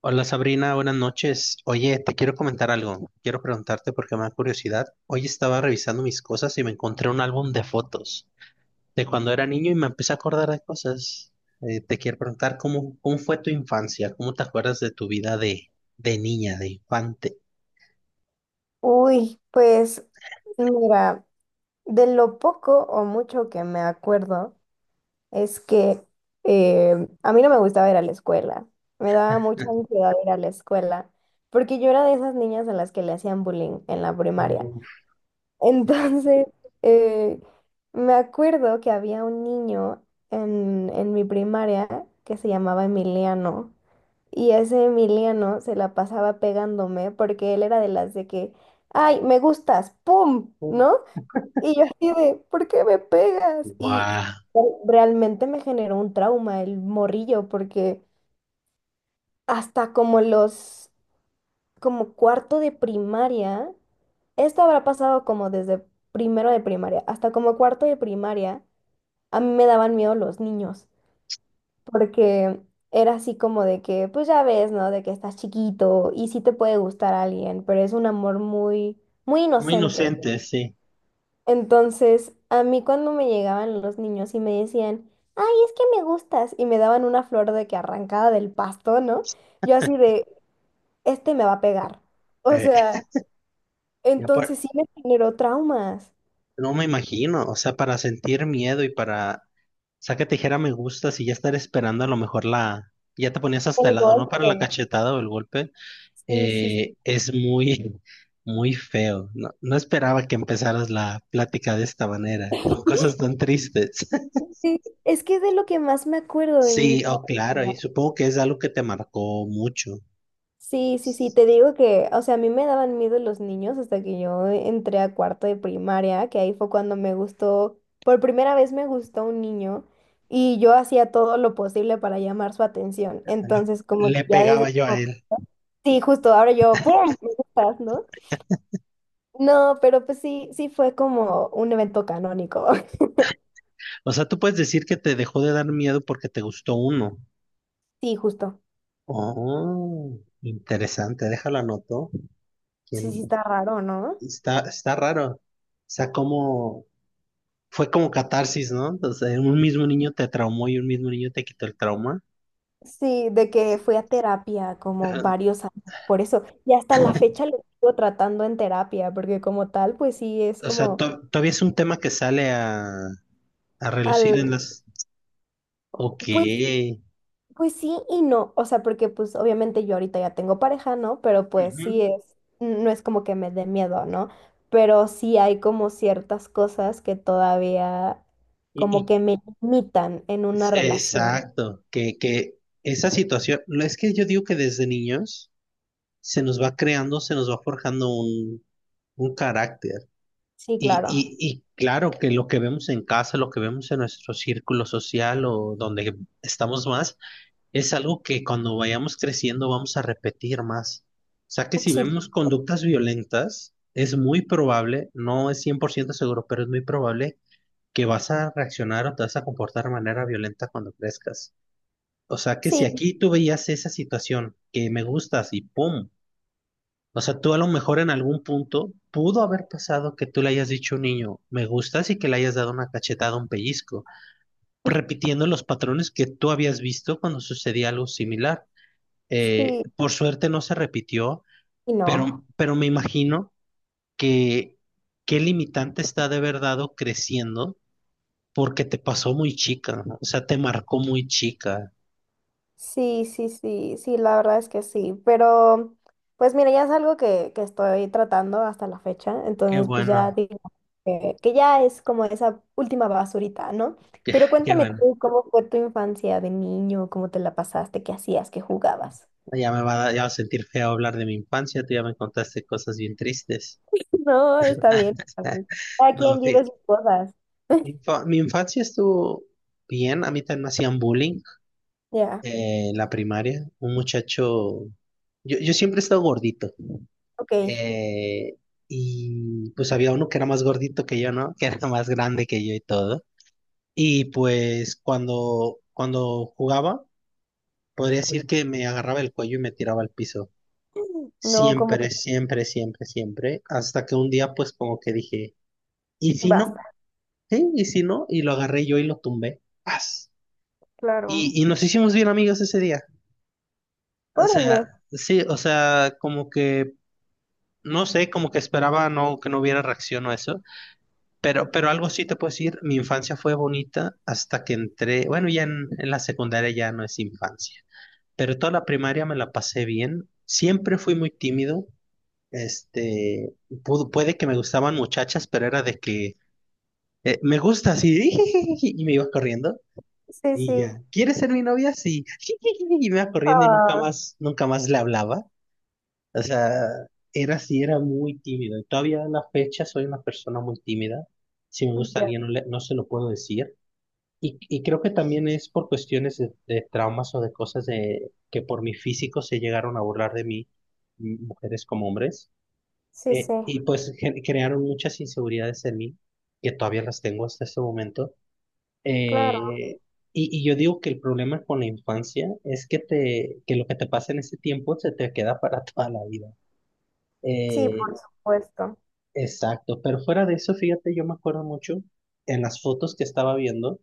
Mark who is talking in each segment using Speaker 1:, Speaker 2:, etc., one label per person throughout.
Speaker 1: Hola Sabrina, buenas noches. Oye, te quiero comentar algo. Quiero preguntarte porque me da curiosidad. Hoy estaba revisando mis cosas y me encontré un álbum de fotos de cuando era niño y me empecé a acordar de cosas. Te quiero preguntar cómo fue tu infancia, cómo te acuerdas de tu vida de niña, de infante.
Speaker 2: Uy, pues mira, de lo poco o mucho que me acuerdo es que a mí no me gustaba ir a la escuela. Me daba mucha ansiedad ir a la escuela porque yo era de esas niñas a las que le hacían bullying en la primaria.
Speaker 1: Oh,
Speaker 2: Entonces, eh, me acuerdo que había un niño en mi primaria que se llamaba Emiliano. Y ese Emiliano se la pasaba pegándome porque él era de las de que, ay, me gustas, ¡pum! ¿No? Y yo así de, ¿por qué me pegas? Y
Speaker 1: wow.
Speaker 2: realmente me generó un trauma el morrillo porque hasta como los como cuarto de primaria. Esto habrá pasado como desde primero de primaria hasta como cuarto de primaria. A mí me daban miedo los niños, porque era así como de que, pues ya ves, ¿no? De que estás chiquito y sí te puede gustar a alguien, pero es un amor muy, muy
Speaker 1: Muy
Speaker 2: inocente.
Speaker 1: inocente, sí.
Speaker 2: Entonces, a mí cuando me llegaban los niños y me decían, ay, es que me gustas, y me daban una flor de que arrancada del pasto, ¿no? Yo así de, este me va a pegar. O
Speaker 1: Eh,
Speaker 2: sea,
Speaker 1: ya por-
Speaker 2: entonces sí me generó traumas.
Speaker 1: no me imagino, o sea, para sentir miedo y para saca tijera me gusta, si ya estar esperando a lo mejor la... Ya te ponías hasta
Speaker 2: El
Speaker 1: el lado, ¿no? Para la
Speaker 2: golpe.
Speaker 1: cachetada o el golpe.
Speaker 2: Sí, sí, sí.
Speaker 1: Es muy feo. No, no esperaba que empezaras la plática de esta manera, con cosas tan tristes.
Speaker 2: Sí, es que es de lo que más me acuerdo de mi
Speaker 1: Sí, oh,
Speaker 2: infancia.
Speaker 1: claro, y supongo que es algo que te marcó mucho.
Speaker 2: Sí, sí, sí, te digo que, o sea, a mí me daban miedo los niños hasta que yo entré a cuarto de primaria, que ahí fue cuando me gustó, por primera vez me gustó un niño y yo hacía todo lo posible para llamar su atención.
Speaker 1: Lo-
Speaker 2: Entonces, como
Speaker 1: Le
Speaker 2: que ya
Speaker 1: pegaba
Speaker 2: desde...
Speaker 1: yo a
Speaker 2: como,
Speaker 1: él.
Speaker 2: sí, justo ahora yo, ¡pum! Me gustas, ¿no? No, pero pues sí, sí fue como un evento canónico.
Speaker 1: O sea, tú puedes decir que te dejó de dar miedo porque te gustó uno.
Speaker 2: Sí, justo.
Speaker 1: Oh, interesante, déjalo anoto.
Speaker 2: Sí,
Speaker 1: ¿Quién?
Speaker 2: sí, está raro, ¿no?
Speaker 1: Está raro. O sea, como... fue como catarsis, ¿no? O sea, un mismo niño te traumó y un mismo niño te quitó el trauma.
Speaker 2: Sí, de que
Speaker 1: Sí.
Speaker 2: fui a terapia como
Speaker 1: Ajá.
Speaker 2: varios años, por eso. Y hasta la fecha lo sigo tratando en terapia, porque como tal, pues sí, es
Speaker 1: O sea,
Speaker 2: como
Speaker 1: todavía es un tema que sale a relucir
Speaker 2: al,
Speaker 1: en las... Ok.
Speaker 2: pues, pues sí y no. O sea, porque pues obviamente yo ahorita ya tengo pareja, ¿no? Pero pues
Speaker 1: Ujú.
Speaker 2: sí es, no es como que me dé miedo, ¿no? Pero sí hay como ciertas cosas que todavía
Speaker 1: Y,
Speaker 2: como que
Speaker 1: y-
Speaker 2: me limitan en una relación.
Speaker 1: exacto, que esa situación, no, es que yo digo que desde niños se nos va creando, se nos va forjando un carácter.
Speaker 2: Sí,
Speaker 1: Y,
Speaker 2: claro.
Speaker 1: y, y claro que lo que vemos en casa, lo que vemos en nuestro círculo social o donde estamos más, es algo que cuando vayamos creciendo vamos a repetir más. O sea que si
Speaker 2: Sí,
Speaker 1: vemos conductas violentas, es muy probable, no es 100% seguro, pero es muy probable que vas a reaccionar o te vas a comportar de manera violenta cuando crezcas. O sea que si
Speaker 2: sí,
Speaker 1: aquí tú veías esa situación que me gustas y ¡pum! O sea, tú a lo mejor en algún punto pudo haber pasado que tú le hayas dicho a un niño, me gustas y que le hayas dado una cachetada, un pellizco, repitiendo los patrones que tú habías visto cuando sucedía algo similar.
Speaker 2: sí
Speaker 1: Por suerte no se repitió,
Speaker 2: y no.
Speaker 1: pero me imagino que qué limitante está de haber dado creciendo porque te pasó muy chica, ¿no? O sea, te marcó muy chica.
Speaker 2: Sí, sí, sí, sí, la verdad es que sí, pero pues mira, ya es algo que estoy tratando hasta la fecha,
Speaker 1: Qué
Speaker 2: entonces pues ya
Speaker 1: bueno,
Speaker 2: digo que ya es como esa última basurita, ¿no? Pero
Speaker 1: qué
Speaker 2: cuéntame
Speaker 1: bueno.
Speaker 2: tú, ¿cómo fue tu infancia de niño? ¿Cómo te la pasaste? ¿Qué hacías? ¿Qué jugabas?
Speaker 1: Ya me va a ya va a sentir feo hablar de mi infancia, tú ya me contaste cosas bien tristes.
Speaker 2: No, está bien. Está bien. Cada
Speaker 1: No,
Speaker 2: quien vive
Speaker 1: fíjate,
Speaker 2: sus cosas.
Speaker 1: mi infancia estuvo bien, a mí también me hacían bullying
Speaker 2: Ya,
Speaker 1: en la primaria. Un muchacho, yo siempre he estado gordito.
Speaker 2: ok.
Speaker 1: Eh, y pues había uno que era más gordito que yo, ¿no? Que era más grande que yo y todo. Y pues cuando jugaba, podría decir que me agarraba el cuello y me tiraba al piso.
Speaker 2: No, como que
Speaker 1: Siempre, siempre, siempre, siempre. Hasta que un día pues como que dije, ¿y si
Speaker 2: basta.
Speaker 1: no? ¿Sí? ¿Y si no? Y lo agarré yo y lo tumbé. ¡Paz!
Speaker 2: Claro.
Speaker 1: Y nos hicimos bien amigos ese día. O
Speaker 2: Órale.
Speaker 1: sea, sí, o sea, como que, no sé, como que esperaba no, que no hubiera reacción o eso. Pero algo sí te puedo decir, mi infancia fue bonita hasta que entré, bueno, ya en la secundaria ya no es infancia, pero toda la primaria me la pasé bien, siempre fui muy tímido, este, puede que me gustaban muchachas, pero era de que me gusta así, y me iba corriendo,
Speaker 2: Sí,
Speaker 1: y
Speaker 2: sí.
Speaker 1: ya, ¿quieres ser mi novia? Sí, y me iba corriendo y
Speaker 2: Ah,
Speaker 1: nunca más le hablaba, o sea, era así, era muy tímido. Y todavía a la fecha soy una persona muy tímida. Si me gusta
Speaker 2: ya.
Speaker 1: alguien, no, no se lo puedo decir. Y creo que también es por cuestiones de traumas o de cosas de, que por mi físico se llegaron a burlar de mí, mujeres como hombres.
Speaker 2: Sí, sí,
Speaker 1: Y pues crearon muchas inseguridades en mí, que todavía las tengo hasta este momento.
Speaker 2: claro.
Speaker 1: Eh, y yo digo que el problema con la infancia es que, te, que lo que te pasa en ese tiempo se te queda para toda la vida.
Speaker 2: Sí,
Speaker 1: Eh,
Speaker 2: por supuesto.
Speaker 1: Exacto, pero fuera de eso, fíjate, yo me acuerdo mucho en las fotos que estaba viendo.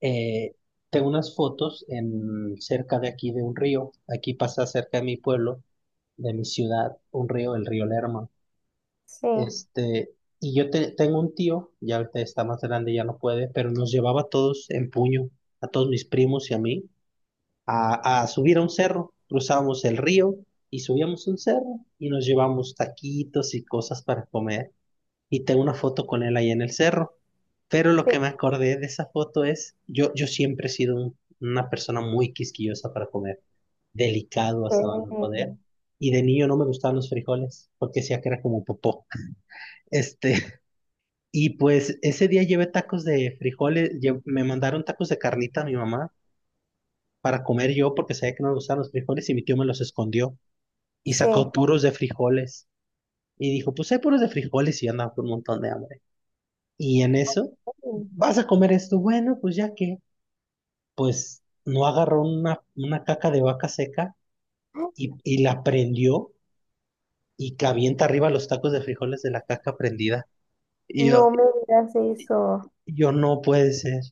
Speaker 1: eh, Tengo unas fotos en cerca de aquí de un río, aquí pasa cerca de mi pueblo, de mi ciudad, un río, el río Lerma.
Speaker 2: Sí,
Speaker 1: Este, y tengo un tío, ya ahorita está más grande, ya no puede, pero nos llevaba a todos en puño, a todos mis primos y a mí, a subir a un cerro. Cruzábamos el río y subíamos un cerro y nos llevamos taquitos y cosas para comer. Y tengo una foto con él ahí en el cerro. Pero lo
Speaker 2: sí,
Speaker 1: que me acordé de esa foto es, yo siempre he sido una persona muy quisquillosa para comer, delicado hasta no
Speaker 2: sí.
Speaker 1: poder. Y de niño no me gustaban los frijoles, porque decía que era como popó. Este, y pues ese día llevé tacos de frijoles, me mandaron tacos de carnita a mi mamá para comer yo, porque sabía que no me gustaban los frijoles y mi tío me los escondió y
Speaker 2: Sí.
Speaker 1: sacó puros de frijoles. Y dijo, pues hay puros de frijoles y yo andaba con un montón de hambre. Y en eso, vas a comer esto, bueno, pues ya que, pues no agarró una caca de vaca seca y la prendió y que avienta arriba los tacos de frijoles de la caca prendida. Y
Speaker 2: No
Speaker 1: yo,
Speaker 2: me digas eso.
Speaker 1: yo no puede ser.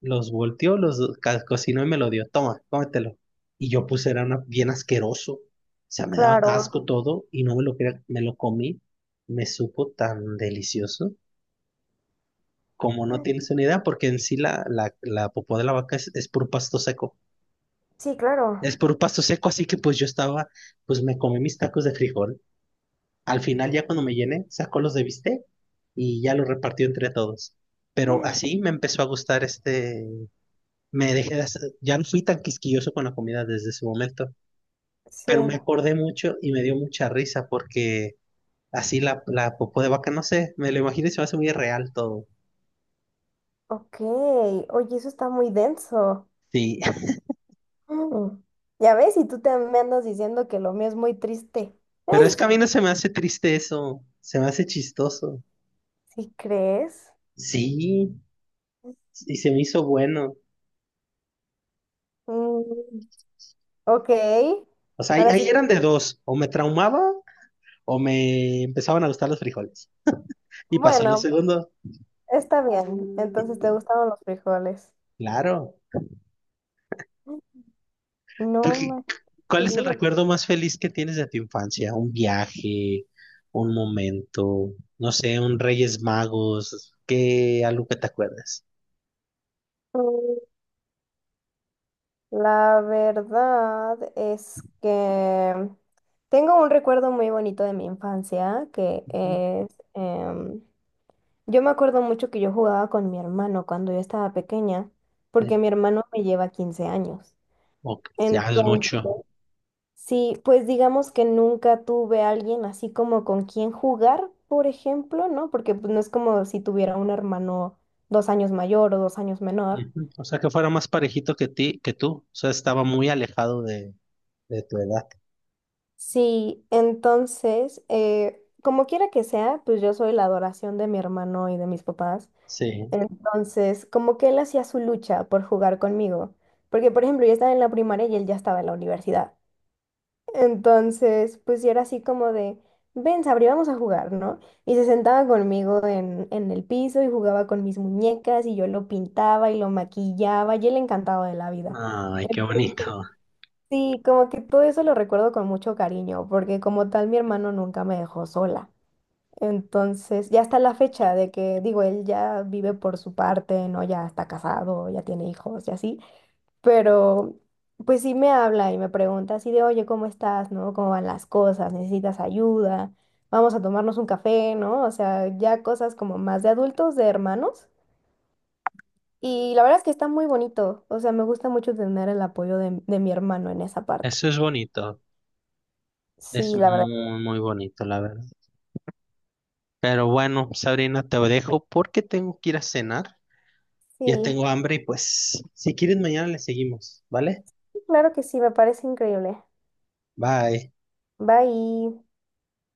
Speaker 1: Los volteó, los cocinó y me lo dio. Toma, cómetelo. Y yo puse, era bien asqueroso. O sea, me daba
Speaker 2: Claro.
Speaker 1: asco todo y no me lo quería, me lo comí. Me supo tan delicioso. Como no tienes una idea, porque en sí la popó de la vaca es puro pasto seco.
Speaker 2: Sí, claro.
Speaker 1: Es por pasto seco, así que pues yo estaba, pues me comí mis tacos de frijol. Al final ya cuando me llené, sacó los de bistec y ya los repartió entre todos. Pero así me empezó a gustar este, me dejé de hacer- ya no fui tan quisquilloso con la comida desde ese momento,
Speaker 2: Sí.
Speaker 1: pero me acordé mucho y me dio mucha risa porque así la, la popó de vaca, no sé, me lo imagino y se me hace muy real todo.
Speaker 2: Ok. Oye, eso está muy denso.
Speaker 1: Sí,
Speaker 2: Mm. Ya ves, y tú te me andas diciendo que lo mío es muy triste.
Speaker 1: pero es que a mí no se me hace triste eso, se me hace chistoso.
Speaker 2: ¿Sí crees?
Speaker 1: Sí, y se me hizo bueno.
Speaker 2: Mm, ok.
Speaker 1: O sea,
Speaker 2: Ahora
Speaker 1: ahí
Speaker 2: sí que,
Speaker 1: eran de dos, o me traumaba o me empezaban a gustar los frijoles. Y pasó lo
Speaker 2: bueno,
Speaker 1: segundo,
Speaker 2: está bien. Entonces te gustaron los frijoles.
Speaker 1: claro. ¿Tú
Speaker 2: No
Speaker 1: qué-
Speaker 2: más
Speaker 1: ¿Cuál es el
Speaker 2: seguro.
Speaker 1: recuerdo más feliz que tienes de tu infancia? ¿Un viaje, un momento, no sé, un Reyes Magos? ¿Qué, algo que te acuerdas?
Speaker 2: La verdad es que tengo un recuerdo muy bonito de mi infancia, que
Speaker 1: Ujú.
Speaker 2: es, em, yo me acuerdo mucho que yo jugaba con mi hermano cuando yo estaba pequeña, porque
Speaker 1: Sí.
Speaker 2: mi hermano me lleva 15 años.
Speaker 1: Ok, ya es
Speaker 2: Entonces,
Speaker 1: mucho.
Speaker 2: sí, pues digamos que nunca tuve a alguien así como con quien jugar, por ejemplo, ¿no? Porque pues, no es como si tuviera un hermano 2 años mayor o 2 años menor.
Speaker 1: Ujú. O sea, que fuera más parejito que ti, que tú. O sea, estaba muy alejado de tu edad.
Speaker 2: Sí, entonces, como quiera que sea, pues yo soy la adoración de mi hermano y de mis papás.
Speaker 1: Sí.
Speaker 2: Entonces, como que él hacía su lucha por jugar conmigo. Porque, por ejemplo, yo estaba en la primaria y él ya estaba en la universidad. Entonces, pues yo era así como de, ven, Sabri, vamos a jugar, ¿no? Y se sentaba conmigo en el piso y jugaba con mis muñecas y yo lo pintaba y lo maquillaba y él encantado de la vida.
Speaker 1: Ay, qué bonito.
Speaker 2: Sí, como que todo eso lo recuerdo con mucho cariño, porque como tal mi hermano nunca me dejó sola. Entonces, ya hasta la fecha de que, digo, él ya vive por su parte, ¿no? Ya está casado, ya tiene hijos y así, pero pues sí me habla y me pregunta así de, oye, ¿cómo estás? ¿No? ¿Cómo van las cosas? ¿Necesitas ayuda? Vamos a tomarnos un café, ¿no? O sea, ya cosas como más de adultos, de hermanos. Y la verdad es que está muy bonito, o sea, me gusta mucho tener el apoyo de mi hermano en esa parte.
Speaker 1: Eso es bonito. Es
Speaker 2: Sí, la
Speaker 1: muy,
Speaker 2: verdad.
Speaker 1: muy bonito, la verdad. Pero bueno, Sabrina, te dejo porque tengo que ir a cenar.
Speaker 2: Sí,
Speaker 1: Ya tengo hambre y pues, si quieres, mañana le seguimos, ¿vale?
Speaker 2: claro que sí, me parece increíble.
Speaker 1: Bye.
Speaker 2: Bye.